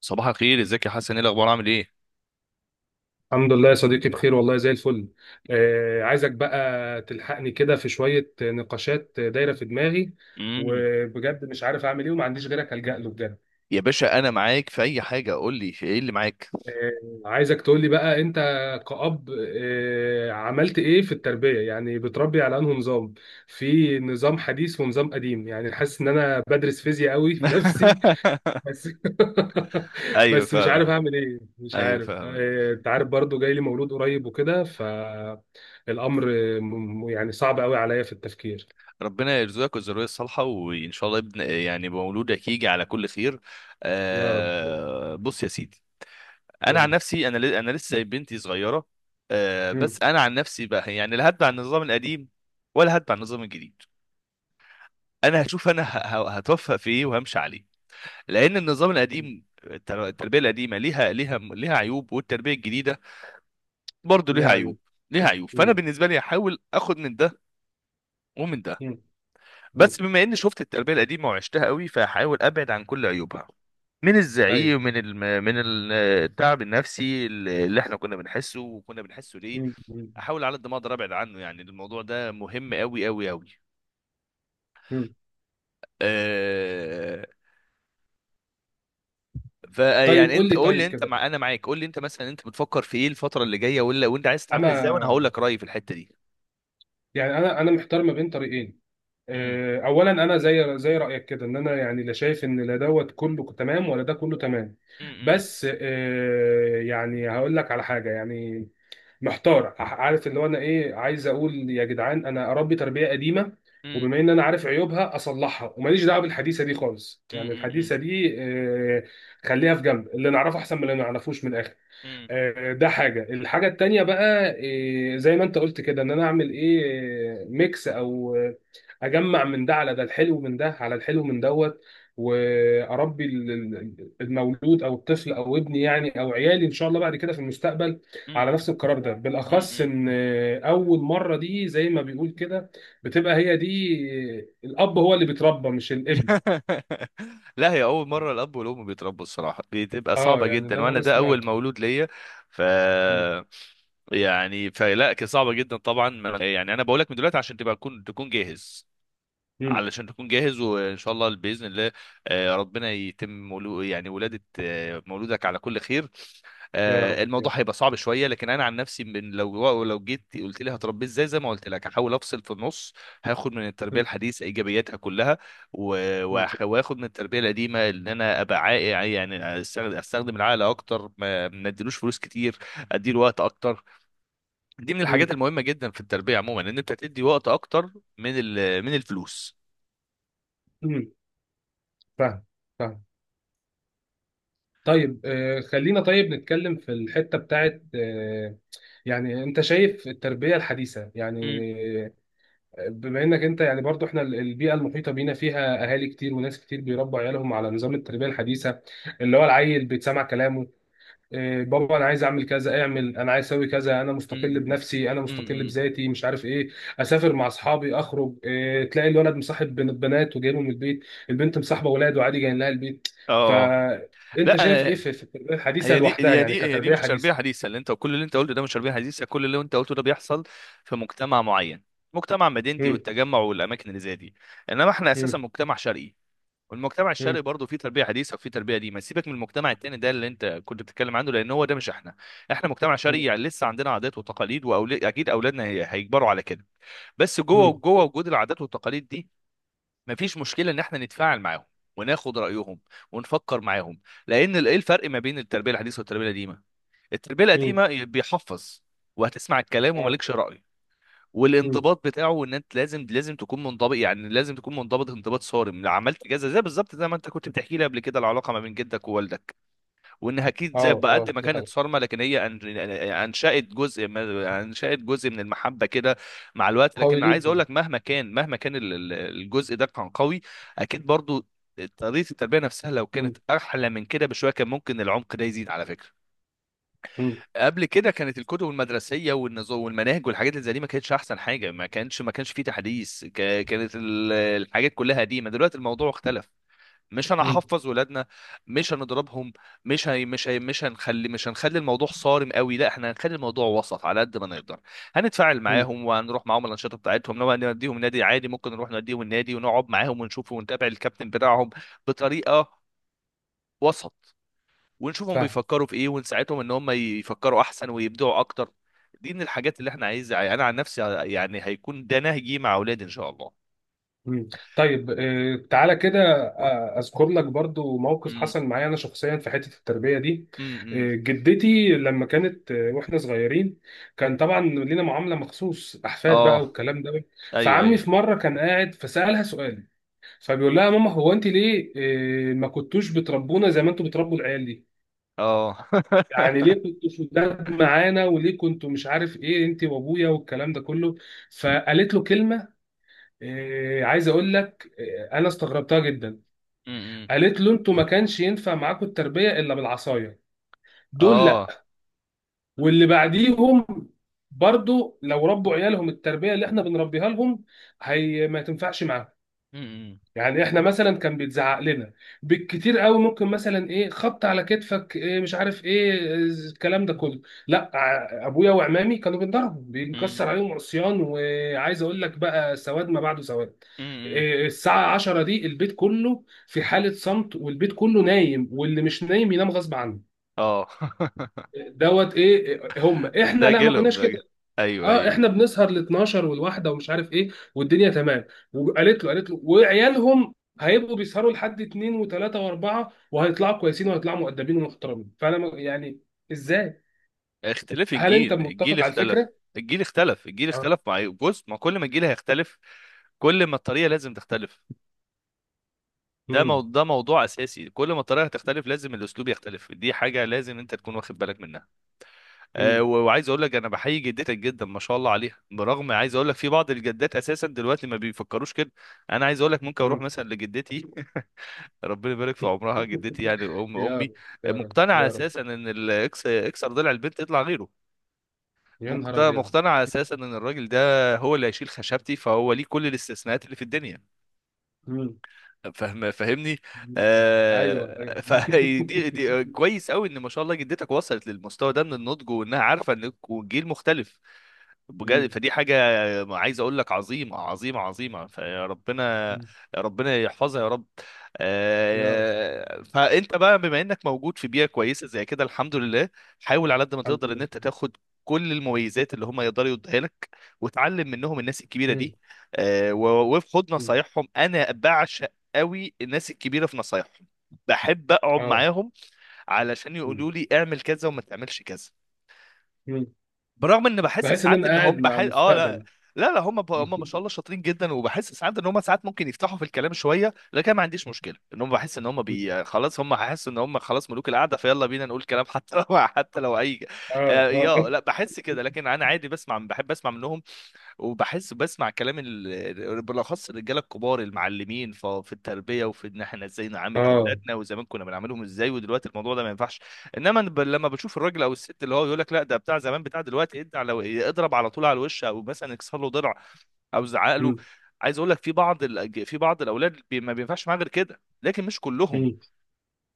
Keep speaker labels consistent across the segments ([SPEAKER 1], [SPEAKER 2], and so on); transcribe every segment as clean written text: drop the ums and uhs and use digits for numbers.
[SPEAKER 1] صباح الخير، ازيك يا حسن؟ ايه الاخبار؟ عامل ايه؟
[SPEAKER 2] الحمد لله يا صديقي بخير والله زي الفل. عايزك بقى تلحقني كده في شوية نقاشات دايرة في دماغي،
[SPEAKER 1] امم
[SPEAKER 2] وبجد مش عارف أعمل إيه وما عنديش غيرك ألجأ له بجد.
[SPEAKER 1] يا باشا انا معاك في اي حاجه، قول لي في ايه اللي معاك؟
[SPEAKER 2] عايزك تقول لي بقى أنت كأب، عملت إيه في التربية؟ يعني بتربي على أنه نظام، في نظام حديث ونظام قديم. يعني حاسس إن أنا بدرس فيزياء قوي في نفسي. بس
[SPEAKER 1] ايوه
[SPEAKER 2] بس مش عارف
[SPEAKER 1] فاهمك.
[SPEAKER 2] اعمل ايه، مش
[SPEAKER 1] ايوه
[SPEAKER 2] عارف.
[SPEAKER 1] فاهمك.
[SPEAKER 2] انت عارف برضو جاي لي مولود قريب وكده، فالامر يعني صعب قوي عليا في التفكير.
[SPEAKER 1] ربنا يرزقك الذريه الصالحه، وان شاء الله ابن، يعني مولودك يجي على كل خير.
[SPEAKER 2] يا رب.
[SPEAKER 1] آه، بص يا سيدي. انا
[SPEAKER 2] قول
[SPEAKER 1] عن
[SPEAKER 2] لي.
[SPEAKER 1] نفسي، انا لسه بنتي صغيره.
[SPEAKER 2] مم.
[SPEAKER 1] بس انا عن نفسي بقى، يعني لا هتبع النظام القديم ولا هتبع النظام الجديد. انا هشوف، انا هتوفق في ايه وهمشي عليه. لان النظام
[SPEAKER 2] مم.
[SPEAKER 1] القديم، التربيه القديمه ليها عيوب، والتربيه الجديده برضو
[SPEAKER 2] يا
[SPEAKER 1] ليها عيوب
[SPEAKER 2] عيون.
[SPEAKER 1] ليها عيوب فانا
[SPEAKER 2] مم.
[SPEAKER 1] بالنسبه لي هحاول اخد من ده ومن ده.
[SPEAKER 2] مم. مم.
[SPEAKER 1] بس بما اني شفت التربيه القديمه وعشتها قوي، فهحاول ابعد عن كل عيوبها، من
[SPEAKER 2] ايوه.
[SPEAKER 1] الزعيق، من ال- التعب النفسي اللي احنا كنا بنحسه، وكنا بنحسه ليه.
[SPEAKER 2] مم. مم.
[SPEAKER 1] احاول على قد ما اقدر ابعد عنه. يعني الموضوع ده مهم قوي قوي قوي.
[SPEAKER 2] مم. طيب
[SPEAKER 1] فيعني
[SPEAKER 2] قول
[SPEAKER 1] انت
[SPEAKER 2] لي
[SPEAKER 1] قول لي،
[SPEAKER 2] طيب
[SPEAKER 1] انت
[SPEAKER 2] كده.
[SPEAKER 1] مع انا معاك، قول لي انت مثلا انت بتفكر في ايه الفتره اللي جايه؟ ولا وانت عايز تتعامل ازاي؟ وانا
[SPEAKER 2] انا،
[SPEAKER 1] هقول لك رايي في الحته دي.
[SPEAKER 2] يعني انا محتار ما بين طريقين.
[SPEAKER 1] مم.
[SPEAKER 2] اولا انا زي رايك كده، ان انا يعني لا شايف ان لا دوت كله تمام ولا ده كله تمام.
[SPEAKER 1] مم.
[SPEAKER 2] بس يعني هقول لك على حاجه. يعني محتار، عارف اللي هو انا ايه عايز اقول؟ يا جدعان انا اربي تربيه قديمه
[SPEAKER 1] مم.
[SPEAKER 2] وبما ان انا عارف عيوبها اصلحها وماليش دعوه بالحديثه دي خالص.
[SPEAKER 1] مم.
[SPEAKER 2] يعني
[SPEAKER 1] مم.
[SPEAKER 2] الحديثه دي خليها في جنب، اللي نعرفه احسن من اللي ما نعرفوش من الاخر. ده حاجة. الحاجة التانية بقى، زي ما انت قلت كده، ان انا اعمل ايه، ميكس، او اجمع من ده على ده، الحلو من ده على الحلو من دوت، واربي المولود او الطفل او ابني يعني، او عيالي ان شاء الله بعد كده في المستقبل، على
[SPEAKER 1] مم.
[SPEAKER 2] نفس القرار ده. بالاخص
[SPEAKER 1] مم.
[SPEAKER 2] ان اول مرة دي زي ما بيقول كده، بتبقى هي دي. الاب هو اللي بيتربى مش الابن.
[SPEAKER 1] لا، هي اول مره الاب والام بيتربوا، الصراحه بتبقى
[SPEAKER 2] اه،
[SPEAKER 1] صعبه
[SPEAKER 2] يعني
[SPEAKER 1] جدا،
[SPEAKER 2] ده اللي
[SPEAKER 1] وانا
[SPEAKER 2] انا
[SPEAKER 1] ده اول
[SPEAKER 2] سمعته.
[SPEAKER 1] مولود ليا. ف
[SPEAKER 2] مم.
[SPEAKER 1] يعني فلا، كانت صعبه جدا طبعا، يعني انا بقول لك من دلوقتي عشان تبقى تكون جاهز،
[SPEAKER 2] مم.
[SPEAKER 1] علشان تكون جاهز، وان شاء الله باذن الله. ربنا يتم يعني ولاده، مولودك على كل خير.
[SPEAKER 2] يا رب يا رب.
[SPEAKER 1] الموضوع هيبقى صعب شويه، لكن انا عن نفسي لو جيت قلت لي هتربيه ازاي، زي ما قلت لك هحاول افصل في النص. هاخد من التربيه الحديثه ايجابياتها كلها،
[SPEAKER 2] مم.
[SPEAKER 1] واخد من التربيه القديمه ان انا ابقى عاقل. يعني أستخدم العقل اكتر، ما اديلوش فلوس كتير، اديله وقت اكتر. دي من الحاجات
[SPEAKER 2] مم.
[SPEAKER 1] المهمه جدا في التربيه عموما، ان انت تدي وقت اكتر من الفلوس.
[SPEAKER 2] مم. فاهم. فاهم. طيب، خلينا طيب نتكلم في الحتة بتاعت يعني انت شايف التربية الحديثة؟ يعني آه، بما انك انت يعني برضو، احنا البيئة المحيطة بينا فيها اهالي كتير وناس كتير بيربوا عيالهم على نظام التربية الحديثة، اللي هو العيل بيتسمع كلامه، إيه، بابا انا عايز اعمل كذا، اعمل، انا عايز اسوي كذا، انا مستقل
[SPEAKER 1] امم
[SPEAKER 2] بنفسي، انا مستقل
[SPEAKER 1] امم
[SPEAKER 2] بذاتي، مش عارف ايه، اسافر مع اصحابي، اخرج. إيه، تلاقي الولد مصاحب بنات وجايبهم من البيت، البنت مصاحبه ولاد وعادي جايين لها البيت.
[SPEAKER 1] اه،
[SPEAKER 2] فانت
[SPEAKER 1] لا،
[SPEAKER 2] شايف ايه
[SPEAKER 1] انا
[SPEAKER 2] في التربيه الحديثه
[SPEAKER 1] هي دي
[SPEAKER 2] لوحدها،
[SPEAKER 1] هي
[SPEAKER 2] يعني
[SPEAKER 1] دي هي دي
[SPEAKER 2] كتربيه
[SPEAKER 1] مش تربيه
[SPEAKER 2] حديثه؟
[SPEAKER 1] حديثه. اللي انت كل اللي انت قلته ده مش تربيه حديثه. كل اللي انت قلته ده بيحصل في مجتمع معين، مجتمع مدينتي
[SPEAKER 2] مم.
[SPEAKER 1] والتجمع والاماكن اللي زي دي. انما احنا اساسا
[SPEAKER 2] مم.
[SPEAKER 1] مجتمع شرقي، والمجتمع
[SPEAKER 2] مم.
[SPEAKER 1] الشرقي برضه فيه تربيه حديثه وفيه تربيه. دي، ما سيبك من المجتمع التاني ده اللي انت كنت بتتكلم عنه، لان هو ده مش احنا. احنا مجتمع شرقي،
[SPEAKER 2] مم.
[SPEAKER 1] يعني لسه عندنا عادات وتقاليد، واكيد اولادنا هيكبروا على كده. بس جوه
[SPEAKER 2] مم.
[SPEAKER 1] جوه وجود العادات والتقاليد دي، مفيش مشكله ان احنا نتفاعل معاهم، وناخد رايهم، ونفكر معاهم. لان ايه الفرق ما بين التربيه الحديثه والتربيه القديمه؟ التربيه
[SPEAKER 2] مم.
[SPEAKER 1] القديمه بيحفظ، وهتسمع الكلام،
[SPEAKER 2] اه.
[SPEAKER 1] ومالكش راي.
[SPEAKER 2] مم.
[SPEAKER 1] والانضباط بتاعه ان انت لازم تكون منضبط، يعني لازم تكون منضبط انضباط صارم لو عملت كذا، زي بالظبط زي ما انت كنت بتحكي لي قبل كده، العلاقه ما بين جدك ووالدك، وانها اكيد زي
[SPEAKER 2] اه،
[SPEAKER 1] بقد ما
[SPEAKER 2] دي
[SPEAKER 1] كانت
[SPEAKER 2] حاجه
[SPEAKER 1] صارمه، لكن هي انشات جزء، انشات جزء من المحبه كده مع الوقت.
[SPEAKER 2] قوي
[SPEAKER 1] لكن عايز اقول
[SPEAKER 2] جدا.
[SPEAKER 1] لك، مهما كان الجزء ده كان قوي، اكيد برضو طريقه التربيه نفسها لو
[SPEAKER 2] مم.
[SPEAKER 1] كانت احلى من كده بشويه، كان ممكن العمق ده يزيد على فكره.
[SPEAKER 2] مم.
[SPEAKER 1] قبل كده كانت الكتب المدرسيه والنظام والمناهج والحاجات اللي زي دي ما كانتش احسن حاجه، ما كانش فيه تحديث، كانت الحاجات كلها قديمه. دلوقتي الموضوع اختلف، مش
[SPEAKER 2] مم.
[SPEAKER 1] هنحفظ ولادنا، مش هنضربهم، مش هنخلي الموضوع صارم قوي. لا، احنا هنخلي الموضوع وسط على قد ما نقدر، هنتفاعل
[SPEAKER 2] مم.
[SPEAKER 1] معاهم، وهنروح معاهم الانشطه بتاعتهم. لو هنوديهم نادي عادي، ممكن نروح نوديهم النادي ونقعد معاهم ونشوف ونتابع الكابتن بتاعهم بطريقه وسط، ونشوفهم
[SPEAKER 2] فاهم.
[SPEAKER 1] بيفكروا في ايه، ونساعدهم ان هم يفكروا احسن ويبدعوا اكتر. دي من الحاجات اللي احنا عايزها. انا عن نفسي يعني هيكون ده نهجي مع اولادي ان شاء الله.
[SPEAKER 2] مم. طيب، تعالى كده. اذكر لك برضو موقف
[SPEAKER 1] امم
[SPEAKER 2] حصل معايا انا شخصيا في حته التربيه دي.
[SPEAKER 1] امم
[SPEAKER 2] جدتي لما كانت، واحنا صغيرين، كان طبعا لينا معامله مخصوص، احفاد بقى
[SPEAKER 1] اه.
[SPEAKER 2] والكلام ده.
[SPEAKER 1] ايوه
[SPEAKER 2] فعمي
[SPEAKER 1] ايوه.
[SPEAKER 2] في مره كان قاعد فسالها سؤال، فبيقول لها يا ماما هو انت ليه ما كنتوش بتربونا زي ما انتوا بتربوا العيال دي؟
[SPEAKER 1] اه.
[SPEAKER 2] يعني ليه كنتوا شداد معانا وليه كنتوا مش عارف ايه انت وابويا والكلام ده كله. فقالت له كلمه، إيه، عايز اقول لك إيه، انا استغربتها جدا. قالت له انتوا ما كانش ينفع معاكم التربيه الا بالعصايه، دول
[SPEAKER 1] اه.
[SPEAKER 2] لا، واللي بعديهم برضو لو ربوا عيالهم التربيه اللي احنا بنربيها لهم، هي ما تنفعش معاهم.
[SPEAKER 1] امم
[SPEAKER 2] يعني احنا مثلا كان بيتزعق لنا بالكتير قوي، ممكن مثلا ايه، خبط على كتفك، إيه، مش عارف ايه الكلام ده كله. لا، ابويا وعمامي كانوا بينضربوا،
[SPEAKER 1] امم
[SPEAKER 2] بينكسر عليهم عصيان. وعايز اقول لك بقى سواد ما بعده سواد.
[SPEAKER 1] امم
[SPEAKER 2] إيه، الساعة 10 دي البيت كله في حالة صمت، والبيت كله نايم واللي مش نايم ينام غصب عنه.
[SPEAKER 1] اه.
[SPEAKER 2] دوت ايه، إيه، هم احنا
[SPEAKER 1] ده
[SPEAKER 2] لا، ما
[SPEAKER 1] جيلهم،
[SPEAKER 2] كناش
[SPEAKER 1] ده
[SPEAKER 2] كده.
[SPEAKER 1] جيل. ايوه
[SPEAKER 2] اه،
[SPEAKER 1] ايوه.
[SPEAKER 2] احنا بنسهر ل 12 والواحده ومش عارف ايه، والدنيا تمام. وقالت له، قالت له وعيالهم هيبقوا بيسهروا لحد اتنين وتلاته واربعه وهيطلعوا كويسين وهيطلعوا مؤدبين ومحترمين. فانا يعني ازاي؟
[SPEAKER 1] اختلاف
[SPEAKER 2] هل انت
[SPEAKER 1] الجيل، الجيل
[SPEAKER 2] متفق على
[SPEAKER 1] اختلف
[SPEAKER 2] الفكره؟
[SPEAKER 1] الجيل اختلف الجيل
[SPEAKER 2] اه.
[SPEAKER 1] اختلف بص، ما كل ما الجيل هيختلف، كل ما الطريقه لازم تختلف.
[SPEAKER 2] امم
[SPEAKER 1] ده موضوع اساسي، كل ما الطريقه هتختلف لازم الاسلوب يختلف. دي حاجه لازم انت تكون واخد بالك منها.
[SPEAKER 2] امم
[SPEAKER 1] وعايز اقول لك انا بحيي جدتك جدا، ما شاء الله عليها، برغم عايز اقول لك في بعض الجدات اساسا دلوقتي ما بيفكروش كده. انا عايز اقول لك ممكن اروح
[SPEAKER 2] امم
[SPEAKER 1] مثلا لجدتي، ربنا يبارك في عمرها، جدتي يعني ام
[SPEAKER 2] يا
[SPEAKER 1] امي،
[SPEAKER 2] رب يا رب
[SPEAKER 1] مقتنعه
[SPEAKER 2] يا رب.
[SPEAKER 1] اساسا ان اكسر ضلع البنت يطلع غيره.
[SPEAKER 2] يا نهار ابيض.
[SPEAKER 1] مقتنعه اساسا ان الراجل ده هو اللي هيشيل خشبتي، فهو ليه كل الاستثناءات اللي في الدنيا.
[SPEAKER 2] مم.
[SPEAKER 1] فاهم؟ فاهمني؟
[SPEAKER 2] مم. ايوه ايوه.
[SPEAKER 1] فدي كويس قوي ان ما شاء الله جدتك وصلت للمستوى ده من النضج، وانها عارفه ان الجيل مختلف. بجد
[SPEAKER 2] مم.
[SPEAKER 1] فدي حاجة، عايز أقول لك، عظيمة عظيمة عظيمة. فربنا
[SPEAKER 2] مم.
[SPEAKER 1] ربنا يحفظها يا رب.
[SPEAKER 2] يا رب.
[SPEAKER 1] فأنت بقى، بما إنك موجود في بيئة كويسة زي كده، الحمد لله، حاول على قد ما
[SPEAKER 2] الحمد
[SPEAKER 1] تقدر إن أنت
[SPEAKER 2] لله.
[SPEAKER 1] تاخد كل المميزات اللي هم يقدروا يدوها لك، وتعلم منهم، الناس الكبيرة دي.
[SPEAKER 2] مم.
[SPEAKER 1] وخد
[SPEAKER 2] مم.
[SPEAKER 1] نصايحهم. أنا بعشق قوي الناس الكبيرة في نصايحهم، بحب أقعد
[SPEAKER 2] اه.
[SPEAKER 1] معاهم علشان يقولوا لي اعمل كذا وما تعملش كذا،
[SPEAKER 2] مم.
[SPEAKER 1] برغم ان بحس
[SPEAKER 2] بحس ان
[SPEAKER 1] ساعات
[SPEAKER 2] انا
[SPEAKER 1] ان
[SPEAKER 2] قاعد
[SPEAKER 1] هم
[SPEAKER 2] مع
[SPEAKER 1] بحس اه لا.
[SPEAKER 2] المستقبل.
[SPEAKER 1] لا لا، هم هم ما شاء الله شاطرين جدا، وبحس ساعات ان هم ساعات ممكن يفتحوا في الكلام شويه، لكن ما عنديش مشكله. ان هم بحس ان هم خلاص هم هيحسوا ان هم خلاص ملوك القعده، فيلا بينا نقول كلام حتى لو حتى لو اي.
[SPEAKER 2] اه
[SPEAKER 1] يا
[SPEAKER 2] اه
[SPEAKER 1] لا، بحس كده، لكن انا عادي بسمع، بحب اسمع منهم، وبحس بسمع كلام بالاخص الرجاله الكبار المعلمين في التربيه، وفي ان احنا ازاي نعامل
[SPEAKER 2] اه.
[SPEAKER 1] اولادنا، وزمان كنا بنعاملهم ازاي، ودلوقتي الموضوع ده ما ينفعش. انما أنا لما بشوف الراجل او الست اللي هو يقول لك لا ده بتاع زمان بتاع دلوقتي، ادي على، اضرب على طول على الوش، او مثلا اكسر له ضلع، او زعق له.
[SPEAKER 2] مم،
[SPEAKER 1] عايز اقول لك في بعض الاولاد ما بينفعش معاه غير كده، لكن مش كلهم.
[SPEAKER 2] مم،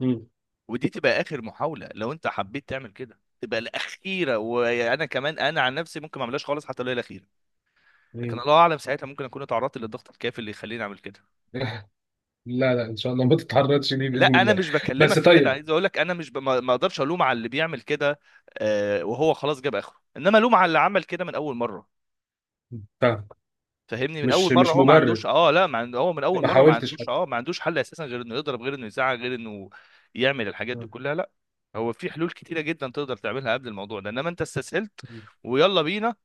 [SPEAKER 2] مم،
[SPEAKER 1] ودي تبقى اخر محاوله، لو انت حبيت تعمل كده تبقى الاخيره، وانا كمان انا عن نفسي ممكن ما اعملهاش خالص حتى لو هي الاخيره. لكن
[SPEAKER 2] مم.
[SPEAKER 1] الله اعلم ساعتها ممكن اكون اتعرضت للضغط الكافي اللي يخليني اعمل كده.
[SPEAKER 2] لا لا، ان شاء الله ما تتعرضش ليه
[SPEAKER 1] لا،
[SPEAKER 2] باذن
[SPEAKER 1] انا
[SPEAKER 2] الله.
[SPEAKER 1] مش
[SPEAKER 2] بس
[SPEAKER 1] بكلمك في كده.
[SPEAKER 2] طيب.
[SPEAKER 1] عايز اقول لك انا مش ما اقدرش الوم على اللي بيعمل كده وهو خلاص جاب اخره، انما الوم على اللي عمل كده من اول مره.
[SPEAKER 2] طيب،
[SPEAKER 1] فهمني؟ من
[SPEAKER 2] مش
[SPEAKER 1] اول مره
[SPEAKER 2] مش
[SPEAKER 1] هو ما
[SPEAKER 2] مبرر،
[SPEAKER 1] عندوش، اه لا، ما عنده هو من اول
[SPEAKER 2] ما
[SPEAKER 1] مره ما
[SPEAKER 2] حاولتش
[SPEAKER 1] عندوش،
[SPEAKER 2] حتى.
[SPEAKER 1] ما عندوش حل اساسا غير انه يضرب، غير انه يزعق، غير انه يعمل الحاجات دي
[SPEAKER 2] مم،
[SPEAKER 1] كلها، لا. هو في حلول كتيره جدا تقدر تعملها قبل الموضوع ده، انما انت استسهلت، ويلا بينا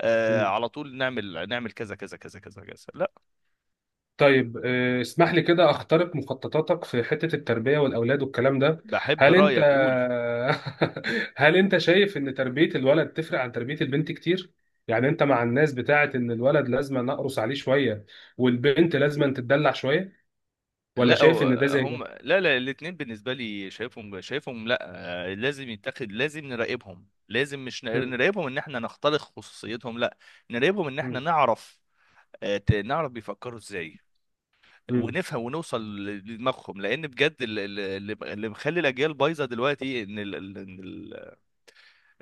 [SPEAKER 2] مم،
[SPEAKER 1] على طول نعمل كذا كذا كذا كذا كذا، لا.
[SPEAKER 2] طيب اسمح لي كده اخترق مخططاتك في حتة التربية والأولاد والكلام ده.
[SPEAKER 1] بحب
[SPEAKER 2] هل انت
[SPEAKER 1] رايك، قول.
[SPEAKER 2] هل انت شايف ان تربية الولد تفرق عن تربية البنت كتير؟ يعني انت مع الناس بتاعة ان الولد لازم نقرص عليه شوية والبنت لازم تتدلع شوية، ولا
[SPEAKER 1] لا،
[SPEAKER 2] شايف ان ده زي ده؟
[SPEAKER 1] هم، لا لا، الاثنين بالنسبه لي شايفهم، شايفهم، لا. لازم يتاخد، لازم نراقبهم. لازم مش
[SPEAKER 2] مم.
[SPEAKER 1] نراقبهم ان احنا نخترق خصوصيتهم، لا. نراقبهم ان احنا
[SPEAKER 2] مم.
[SPEAKER 1] نعرف، نعرف بيفكروا ازاي،
[SPEAKER 2] مم.
[SPEAKER 1] ونفهم، ونوصل لدماغهم. لان بجد اللي مخلي الاجيال بايظه دلوقتي، ان ال ال- ان ال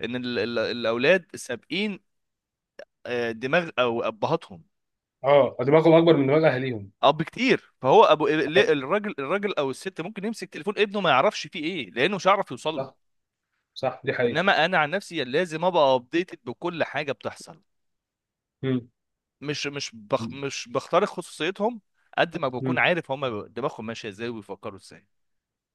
[SPEAKER 1] ان ال ال الاولاد سابقين دماغ او ابهاتهم
[SPEAKER 2] اه، دماغهم اكبر من دماغ اهاليهم.
[SPEAKER 1] اب كتير، فهو ابو
[SPEAKER 2] آه،
[SPEAKER 1] الراجل او الست ممكن يمسك تليفون ابنه ما يعرفش فيه ايه، لانه مش هيعرف يوصل له.
[SPEAKER 2] صح، صح، دي حقيقة.
[SPEAKER 1] انما انا عن نفسي لازم ابقى ابديتد بكل حاجه بتحصل،
[SPEAKER 2] مم.
[SPEAKER 1] مش بخترق خصوصيتهم قد ما بكون
[SPEAKER 2] مم.
[SPEAKER 1] عارف هما دماغهم ماشيه ازاي وبيفكروا ازاي.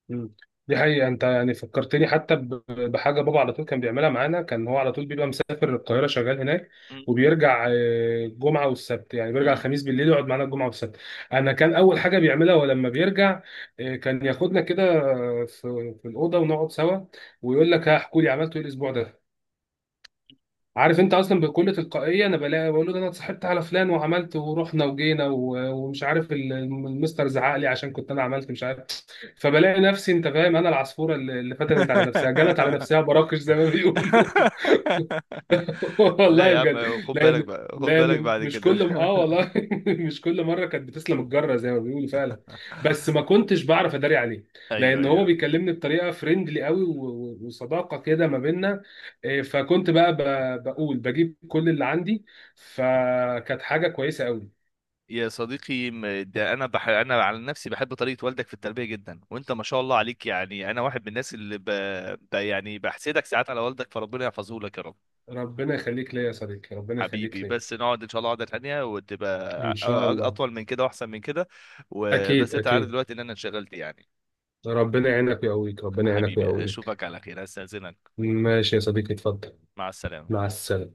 [SPEAKER 2] مم. دي حقيقة. انت يعني فكرتني حتى بحاجة، بابا على طول كان بيعملها معانا. كان هو على طول بيبقى مسافر القاهرة شغال هناك،
[SPEAKER 1] مم.
[SPEAKER 2] وبيرجع الجمعة والسبت، يعني بيرجع
[SPEAKER 1] مم.
[SPEAKER 2] الخميس بالليل يقعد معانا الجمعة والسبت. انا كان اول حاجة بيعملها ولما بيرجع، كان ياخدنا كده في الأوضة ونقعد سوا، ويقول لك هحكوا لي عملتوا ايه الاسبوع ده. عارف انت اصلا بكل تلقائيه انا بلاقي بقول له ده انا اتصاحبت على فلان، وعملت ورحنا وجينا، ومش عارف، المستر زعق لي عشان كنت انا عملت مش عارف. فبلاقي نفسي، انت فاهم، انا العصفوره اللي فتنت على نفسها، جنت على نفسها براكش زي ما بيقولوا.
[SPEAKER 1] لا
[SPEAKER 2] والله
[SPEAKER 1] يا
[SPEAKER 2] بجد.
[SPEAKER 1] عم، خد بالك
[SPEAKER 2] لان
[SPEAKER 1] بقى، خد بالك
[SPEAKER 2] لان
[SPEAKER 1] بعد
[SPEAKER 2] مش
[SPEAKER 1] كده.
[SPEAKER 2] كل، اه والله، مش كل مره كانت بتسلم الجره زي ما بيقولوا فعلا، بس ما كنتش بعرف اداري عليه،
[SPEAKER 1] ايوه
[SPEAKER 2] لان هو
[SPEAKER 1] ايوه.
[SPEAKER 2] بيكلمني بطريقه فريندلي قوي، وصداقه كده ما بيننا، إيه، فكنت بقى بقول بجيب كل اللي عندي، فكانت حاجه كويسه قوي.
[SPEAKER 1] يا صديقي، ده انا انا على نفسي بحب طريقه والدك في التربيه جدا. وانت ما شاء الله عليك، يعني انا واحد من الناس اللي يعني بحسدك ساعات على والدك. فربنا يحفظه لك يا رب.
[SPEAKER 2] ربنا يخليك ليا يا صديقي، ربنا يخليك
[SPEAKER 1] حبيبي،
[SPEAKER 2] ليا.
[SPEAKER 1] بس نقعد ان شاء الله قعده تانيه وتبقى
[SPEAKER 2] ان شاء الله.
[SPEAKER 1] اطول من كده واحسن من كده. وبس
[SPEAKER 2] اكيد
[SPEAKER 1] انت عارف
[SPEAKER 2] اكيد.
[SPEAKER 1] دلوقتي ان انا انشغلت يعني.
[SPEAKER 2] ربنا يعينك ويقويك، ربنا يعينك
[SPEAKER 1] حبيبي،
[SPEAKER 2] ويقويك.
[SPEAKER 1] اشوفك على خير، استاذنك.
[SPEAKER 2] ماشي يا صديقي، اتفضل.
[SPEAKER 1] مع السلامه.
[SPEAKER 2] مع السلامة.